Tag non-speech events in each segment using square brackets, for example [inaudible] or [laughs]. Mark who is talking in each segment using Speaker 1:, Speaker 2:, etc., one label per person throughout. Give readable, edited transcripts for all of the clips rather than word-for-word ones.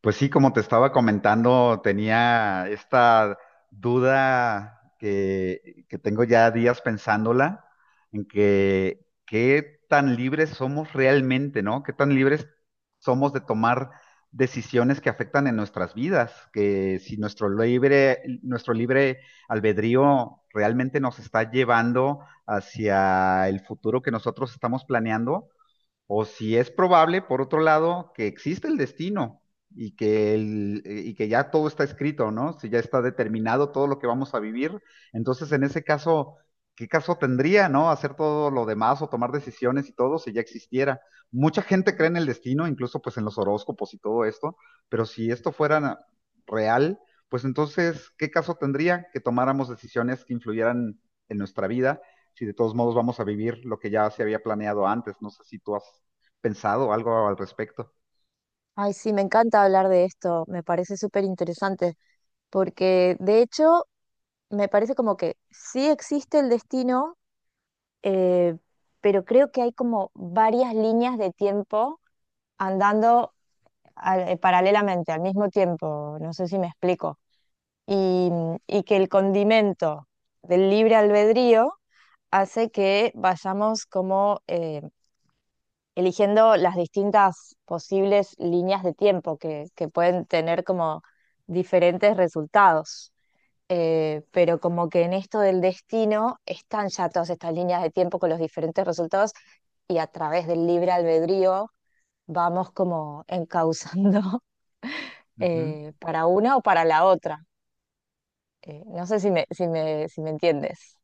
Speaker 1: Pues sí, como te estaba comentando, tenía esta duda que tengo ya días pensándola, en que qué tan libres somos realmente, ¿no? Qué tan libres somos de tomar decisiones que afectan en nuestras vidas, que si nuestro libre albedrío realmente nos está llevando hacia el futuro que nosotros estamos planeando, o si es probable, por otro lado, que existe el destino y que ya todo está escrito, ¿no? Si ya está determinado todo lo que vamos a vivir, entonces en ese caso, ¿qué caso tendría?, ¿no? Hacer todo lo demás o tomar decisiones y todo si ya existiera. Mucha gente cree en el destino, incluso pues en los horóscopos y todo esto, pero si esto fuera real, pues entonces, ¿qué caso tendría que tomáramos decisiones que influyeran en nuestra vida? Si de todos modos vamos a vivir lo que ya se había planeado antes. No sé si tú has pensado algo al respecto.
Speaker 2: Ay, sí, me encanta hablar de esto, me parece súper interesante, porque de hecho me parece como que sí existe el destino, eh, pero creo que hay como varias líneas de tiempo andando paralelamente, al mismo tiempo, no sé si me explico, y, y que el condimento del libre albedrío hace que vayamos como eligiendo las distintas posibles líneas de tiempo que pueden tener como diferentes resultados. Pero como que en esto del destino están ya todas estas líneas de tiempo con los diferentes resultados y a través del libre albedrío vamos como encauzando [laughs]
Speaker 1: Ujú.
Speaker 2: para una o para la otra. No sé si me entiendes.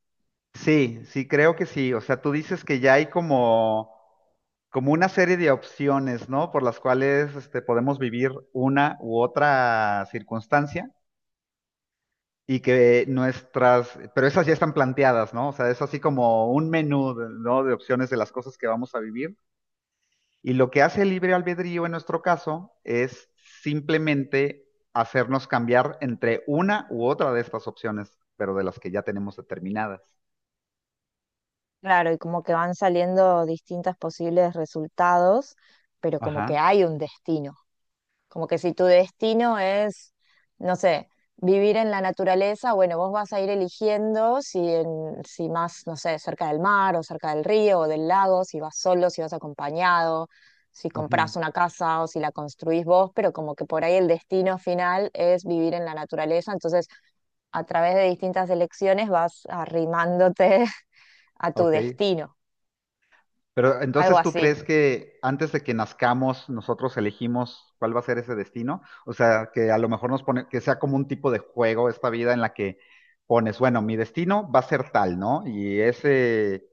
Speaker 1: Sí, sí, creo que sí. O sea, tú dices que ya hay como, como una serie de opciones, ¿no? Por las cuales podemos vivir una u otra circunstancia, y que nuestras, pero esas ya están planteadas, ¿no? O sea, es así como un menú, ¿no? De opciones de las cosas que vamos a vivir. Y lo que hace el libre albedrío en nuestro caso es simplemente hacernos cambiar entre una u otra de estas opciones, pero de las que ya tenemos determinadas.
Speaker 2: Claro, y como que van saliendo distintos posibles resultados, pero como que
Speaker 1: Ajá.
Speaker 2: hay un destino. Como que si tu destino es, no sé, vivir en la naturaleza, bueno, vos vas a ir eligiendo si más, no sé, cerca del mar o cerca del río o del lago, si vas solo, si vas acompañado, si
Speaker 1: Ujú.
Speaker 2: comprás una casa o si la construís vos, pero como que por ahí el destino final es vivir en la naturaleza. Entonces, a través de distintas elecciones vas arrimándote [laughs] a tu
Speaker 1: Ok.
Speaker 2: destino,
Speaker 1: Pero
Speaker 2: algo
Speaker 1: entonces, ¿tú
Speaker 2: así.
Speaker 1: crees que antes de que nazcamos nosotros elegimos cuál va a ser ese destino? O sea, que a lo mejor nos pone, que sea como un tipo de juego esta vida en la que pones, bueno, mi destino va a ser tal, ¿no? Y ese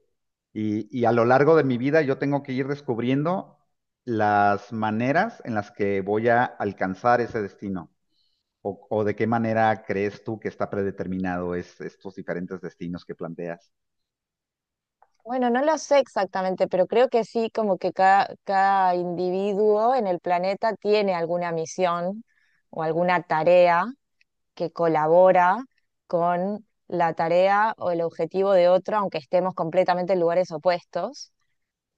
Speaker 1: Y, y a lo largo de mi vida yo tengo que ir descubriendo las maneras en las que voy a alcanzar ese destino. O de qué manera crees tú que está predeterminado estos diferentes destinos que planteas.
Speaker 2: Bueno, no lo sé exactamente, pero creo que sí, como que cada individuo en el planeta tiene alguna misión o alguna tarea que colabora con la tarea o el objetivo de otro, aunque estemos completamente en lugares opuestos,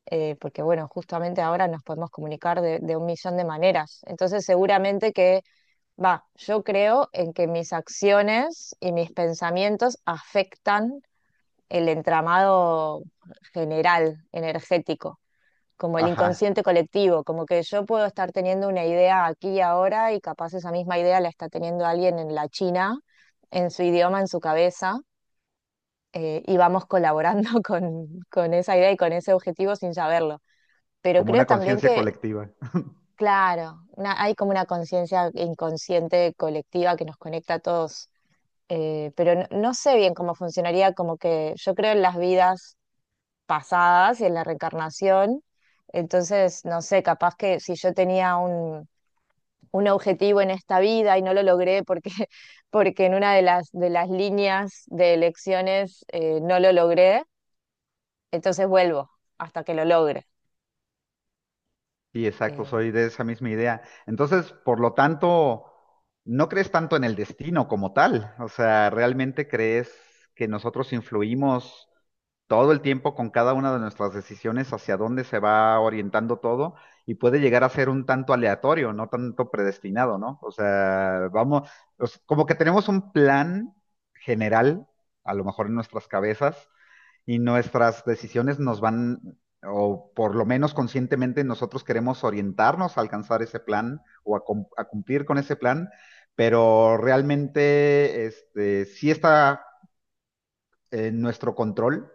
Speaker 2: porque bueno, justamente ahora nos podemos comunicar de un millón de maneras. Entonces, seguramente que va, yo creo en que mis acciones y mis pensamientos afectan el entramado general, energético, como el
Speaker 1: Ajá,
Speaker 2: inconsciente colectivo, como que yo puedo estar teniendo una idea aquí y ahora y capaz esa misma idea la está teniendo alguien en la China, en su idioma, en su cabeza, y vamos colaborando [laughs] con esa idea y con ese objetivo sin saberlo. Pero
Speaker 1: como
Speaker 2: creo
Speaker 1: una
Speaker 2: también
Speaker 1: conciencia
Speaker 2: que,
Speaker 1: colectiva. [laughs]
Speaker 2: claro, hay como una conciencia inconsciente colectiva que nos conecta a todos. Eh, pero no, no sé bien cómo funcionaría, como que yo creo en las vidas pasadas y en la reencarnación. Entonces, no sé, capaz que si yo tenía un objetivo en esta vida y no lo logré porque, [laughs] porque en una de de las líneas de elecciones no lo logré, entonces vuelvo hasta que lo logre.
Speaker 1: Sí, exacto,
Speaker 2: Eh,
Speaker 1: soy de esa misma idea. Entonces, por lo tanto, no crees tanto en el destino como tal. O sea, ¿realmente crees que nosotros influimos todo el tiempo con cada una de nuestras decisiones hacia dónde se va orientando todo? Y puede llegar a ser un tanto aleatorio, no tanto predestinado, ¿no? O sea, vamos, o sea, como que tenemos un plan general, a lo mejor en nuestras cabezas, y nuestras decisiones nos van, o por lo menos conscientemente nosotros queremos orientarnos a alcanzar ese plan o a cumplir con ese plan, pero realmente sí está en nuestro control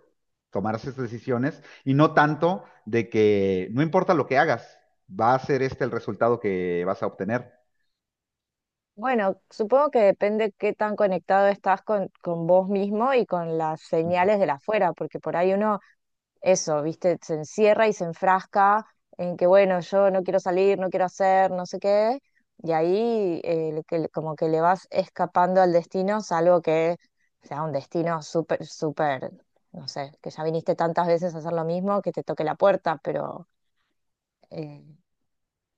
Speaker 1: tomar esas decisiones, y no tanto de que no importa lo que hagas, va a ser este el resultado que vas a obtener.
Speaker 2: bueno, supongo que depende qué tan conectado estás con vos mismo y con las
Speaker 1: Ujú.
Speaker 2: señales de la afuera, porque por ahí uno eso, ¿viste? Se encierra y se enfrasca en que, bueno, yo no quiero salir, no quiero hacer, no sé qué, y ahí como que le vas escapando al destino, salvo que sea un destino súper, súper, no sé, que ya viniste tantas veces a hacer lo mismo, que te toque la puerta, pero eh,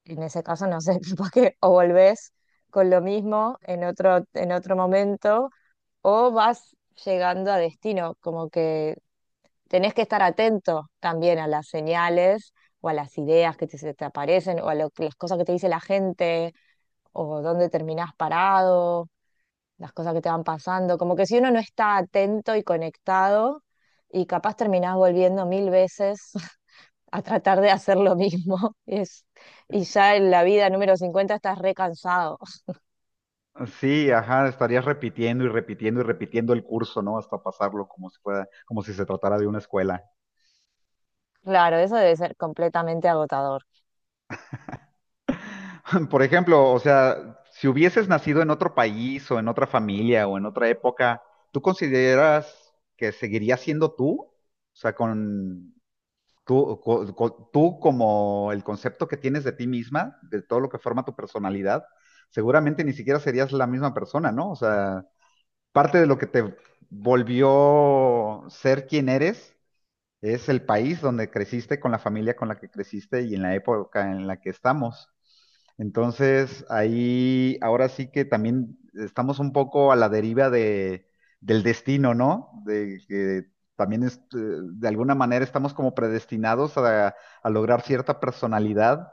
Speaker 2: en ese caso, no sé, [laughs] capaz que o volvés con lo mismo en en otro momento, o vas llegando a destino, como que tenés que estar atento también a las señales o a las ideas que te, se te aparecen o a las cosas que te dice la gente o dónde terminás parado, las cosas que te van pasando. Como que si uno no está atento y conectado y capaz terminás volviendo mil veces [laughs] a tratar de hacer lo mismo [laughs] y ya en la vida número 50 estás recansado. [laughs]
Speaker 1: Sí, ajá, estarías repitiendo y repitiendo y repitiendo el curso, ¿no? Hasta pasarlo como si fuera, como si se tratara de una escuela.
Speaker 2: Claro, eso debe ser completamente agotador.
Speaker 1: [laughs] Por ejemplo, o sea, si hubieses nacido en otro país o en otra familia o en otra época, ¿tú consideras que seguirías siendo tú? O sea, con tú como el concepto que tienes de ti misma, de todo lo que forma tu personalidad, seguramente ni siquiera serías la misma persona, ¿no? O sea, parte de lo que te volvió ser quien eres es el país donde creciste, con la familia con la que creciste y en la época en la que estamos. Entonces, ahí ahora sí que también estamos un poco a la deriva del destino, ¿no? De que también es, de alguna manera estamos como predestinados a lograr cierta personalidad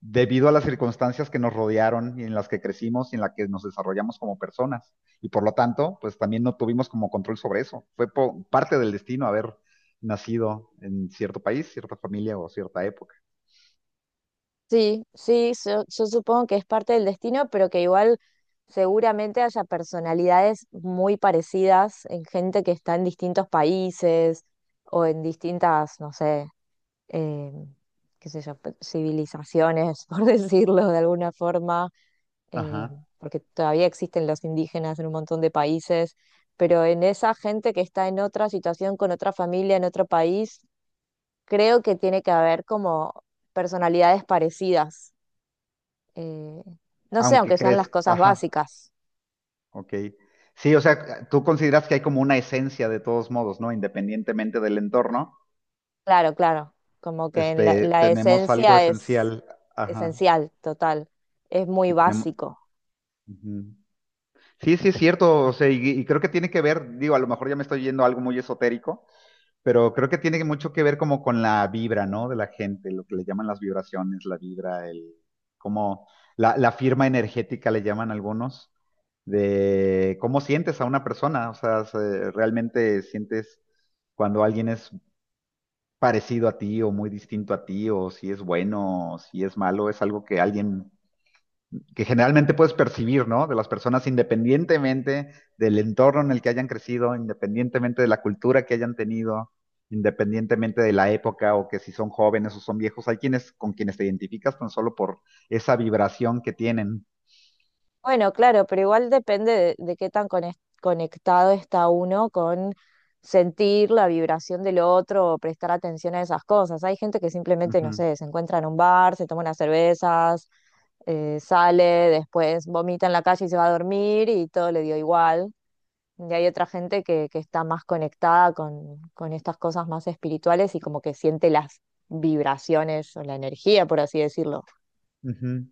Speaker 1: debido a las circunstancias que nos rodearon y en las que crecimos y en las que nos desarrollamos como personas. Y por lo tanto, pues también no tuvimos como control sobre eso. Fue parte del destino haber nacido en cierto país, cierta familia o cierta época.
Speaker 2: Sí, sí, yo supongo que es parte del destino, pero que igual seguramente haya personalidades muy parecidas en gente que está en distintos países o en distintas, no sé, eh, qué sé yo, civilizaciones, [laughs] por decirlo de alguna forma, eh,
Speaker 1: Ajá.
Speaker 2: porque todavía existen los indígenas en un montón de países, pero en esa gente que está en otra situación, con otra familia, en otro país, creo que tiene que haber como personalidades parecidas eh, no sé,
Speaker 1: Aunque
Speaker 2: aunque sean las
Speaker 1: crees,
Speaker 2: cosas
Speaker 1: ajá,
Speaker 2: básicas.
Speaker 1: ok. Sí, o sea, tú consideras que hay como una esencia de todos modos, ¿no? Independientemente del entorno,
Speaker 2: Claro, claro, como que en
Speaker 1: este,
Speaker 2: la
Speaker 1: tenemos algo
Speaker 2: esencia es
Speaker 1: esencial. Ajá.
Speaker 2: esencial, total, es muy
Speaker 1: Sí, tenemos.
Speaker 2: básico.
Speaker 1: Ujú. Sí, sí, es cierto, o sea, y creo que tiene que ver, digo, a lo mejor ya me estoy yendo a algo muy esotérico. Pero creo que tiene mucho que ver como con la vibra, ¿no? De la gente, lo que le llaman las vibraciones, la vibra, el como la firma energética le llaman algunos, de cómo sientes a una persona, o sea, realmente sientes cuando alguien es parecido a ti o muy distinto a ti, o si es bueno, o si es malo, es algo que alguien que generalmente puedes percibir, ¿no? De las personas independientemente del entorno en el que hayan crecido, independientemente de la cultura que hayan tenido, independientemente de la época o que si son jóvenes o son viejos, hay quienes con quienes te identificas tan solo por esa vibración que tienen.
Speaker 2: Bueno, claro, pero igual depende de qué tan conectado está uno con sentir la vibración del otro o prestar atención a esas cosas. Hay gente que simplemente, no
Speaker 1: Ujú,
Speaker 2: sé, se encuentra en un bar, se toma unas cervezas, sale, después vomita en la calle y se va a dormir y todo le dio igual. Y hay otra gente que está más conectada con estas cosas más espirituales y como que siente las vibraciones o la energía, por así decirlo.
Speaker 1: ujú.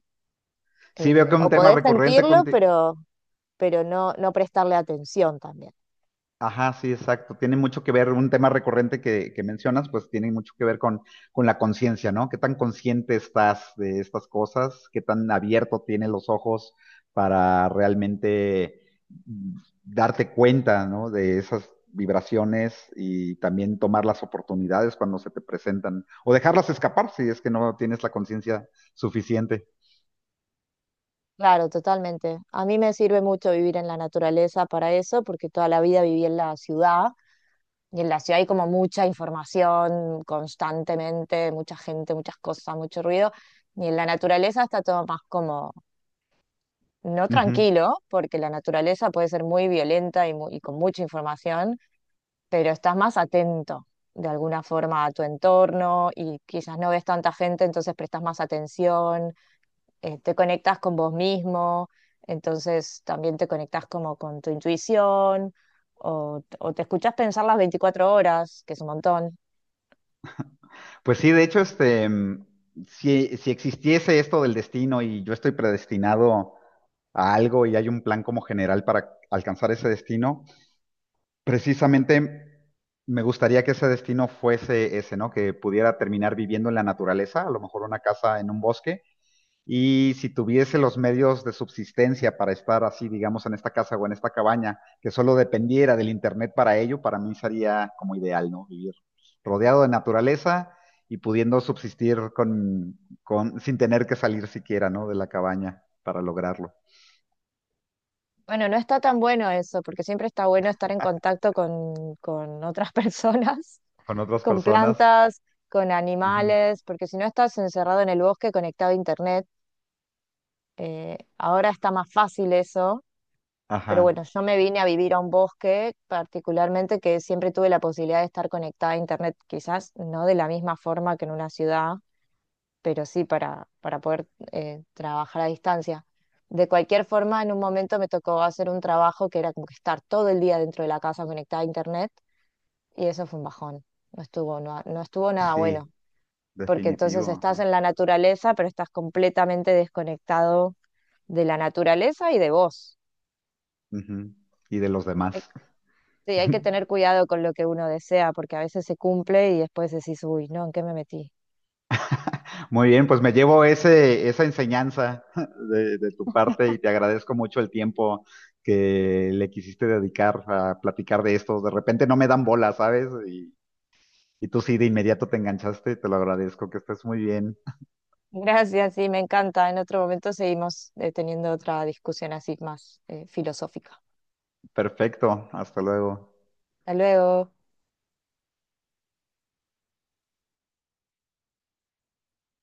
Speaker 1: Sí, veo que
Speaker 2: O
Speaker 1: un tema
Speaker 2: podés
Speaker 1: recurrente
Speaker 2: sentirlo,
Speaker 1: conti-.
Speaker 2: pero no prestarle atención también.
Speaker 1: Ajá, sí, exacto. Tiene mucho que ver, un tema recurrente que mencionas, pues tiene mucho que ver con la conciencia, ¿no? ¿Qué tan consciente estás de estas cosas? ¿Qué tan abierto tienes los ojos para realmente mm, darte cuenta, ¿no? De esas vibraciones, y también tomar las oportunidades cuando se te presentan o dejarlas escapar si es que no tienes la conciencia suficiente.
Speaker 2: Claro, totalmente. A mí me sirve mucho vivir en la naturaleza para eso, porque toda la vida viví en la ciudad y en la ciudad hay como mucha información constantemente, mucha gente, muchas cosas, mucho ruido. Y en la naturaleza está todo más como no
Speaker 1: Ujú.
Speaker 2: tranquilo, porque la naturaleza puede ser muy violenta y con mucha información, pero estás más atento de alguna forma a tu entorno y quizás no ves tanta gente, entonces prestas más atención, te conectas con vos mismo, entonces también te conectas como con tu intuición o te escuchas pensar las 24 horas, que es un montón.
Speaker 1: Pues sí, de hecho,
Speaker 2: Eh,
Speaker 1: si existiese esto del destino y yo estoy predestinado a algo y hay un plan como general para alcanzar ese destino, precisamente me gustaría que ese destino fuese ese, ¿no? Que pudiera terminar viviendo en la naturaleza, a lo mejor una casa en un bosque, y si tuviese los medios de subsistencia para estar así, digamos, en esta casa o en esta cabaña, que solo dependiera del internet para ello, para mí sería como ideal, ¿no? Vivir rodeado de naturaleza y pudiendo subsistir sin tener que salir siquiera, ¿no? De la cabaña para lograrlo.
Speaker 2: Bueno, no está tan bueno eso, porque siempre está bueno estar en contacto con otras [laughs] personas
Speaker 1: Con otras
Speaker 2: con
Speaker 1: personas.
Speaker 2: plantas, con
Speaker 1: Ujú.
Speaker 2: animales, porque si no estás encerrado en el bosque conectado a internet, ahora está más fácil eso, pero bueno,
Speaker 1: Ajá.
Speaker 2: yo me vine a vivir a un bosque particularmente que siempre tuve la posibilidad de estar conectada a internet, quizás no de la misma forma que en una ciudad, pero sí para poder trabajar a distancia. De cualquier forma, en un momento me tocó hacer un trabajo que era como que estar todo el día dentro de la casa conectada a internet y eso fue un bajón. No estuvo nada bueno.
Speaker 1: Sí,
Speaker 2: Porque
Speaker 1: definitivo.
Speaker 2: entonces estás
Speaker 1: Ajá.
Speaker 2: en la naturaleza, pero estás completamente desconectado de la naturaleza y de vos.
Speaker 1: Ujú. Y de los
Speaker 2: Hay,
Speaker 1: demás.
Speaker 2: sí, hay que tener
Speaker 1: [laughs]
Speaker 2: cuidado con lo que uno desea, porque a veces se cumple y después decís, uy, no, ¿en qué me metí?
Speaker 1: Muy bien, pues me llevo esa enseñanza [laughs] de tu parte y te agradezco mucho el tiempo que le quisiste dedicar a platicar de esto. De repente no me dan bola, ¿sabes? Y tú sí, de inmediato te enganchaste, te lo agradezco, que estés muy bien.
Speaker 2: [laughs] Gracias, sí, me encanta. En otro momento seguimos teniendo otra discusión así más filosófica.
Speaker 1: Perfecto, hasta luego.
Speaker 2: Hasta luego.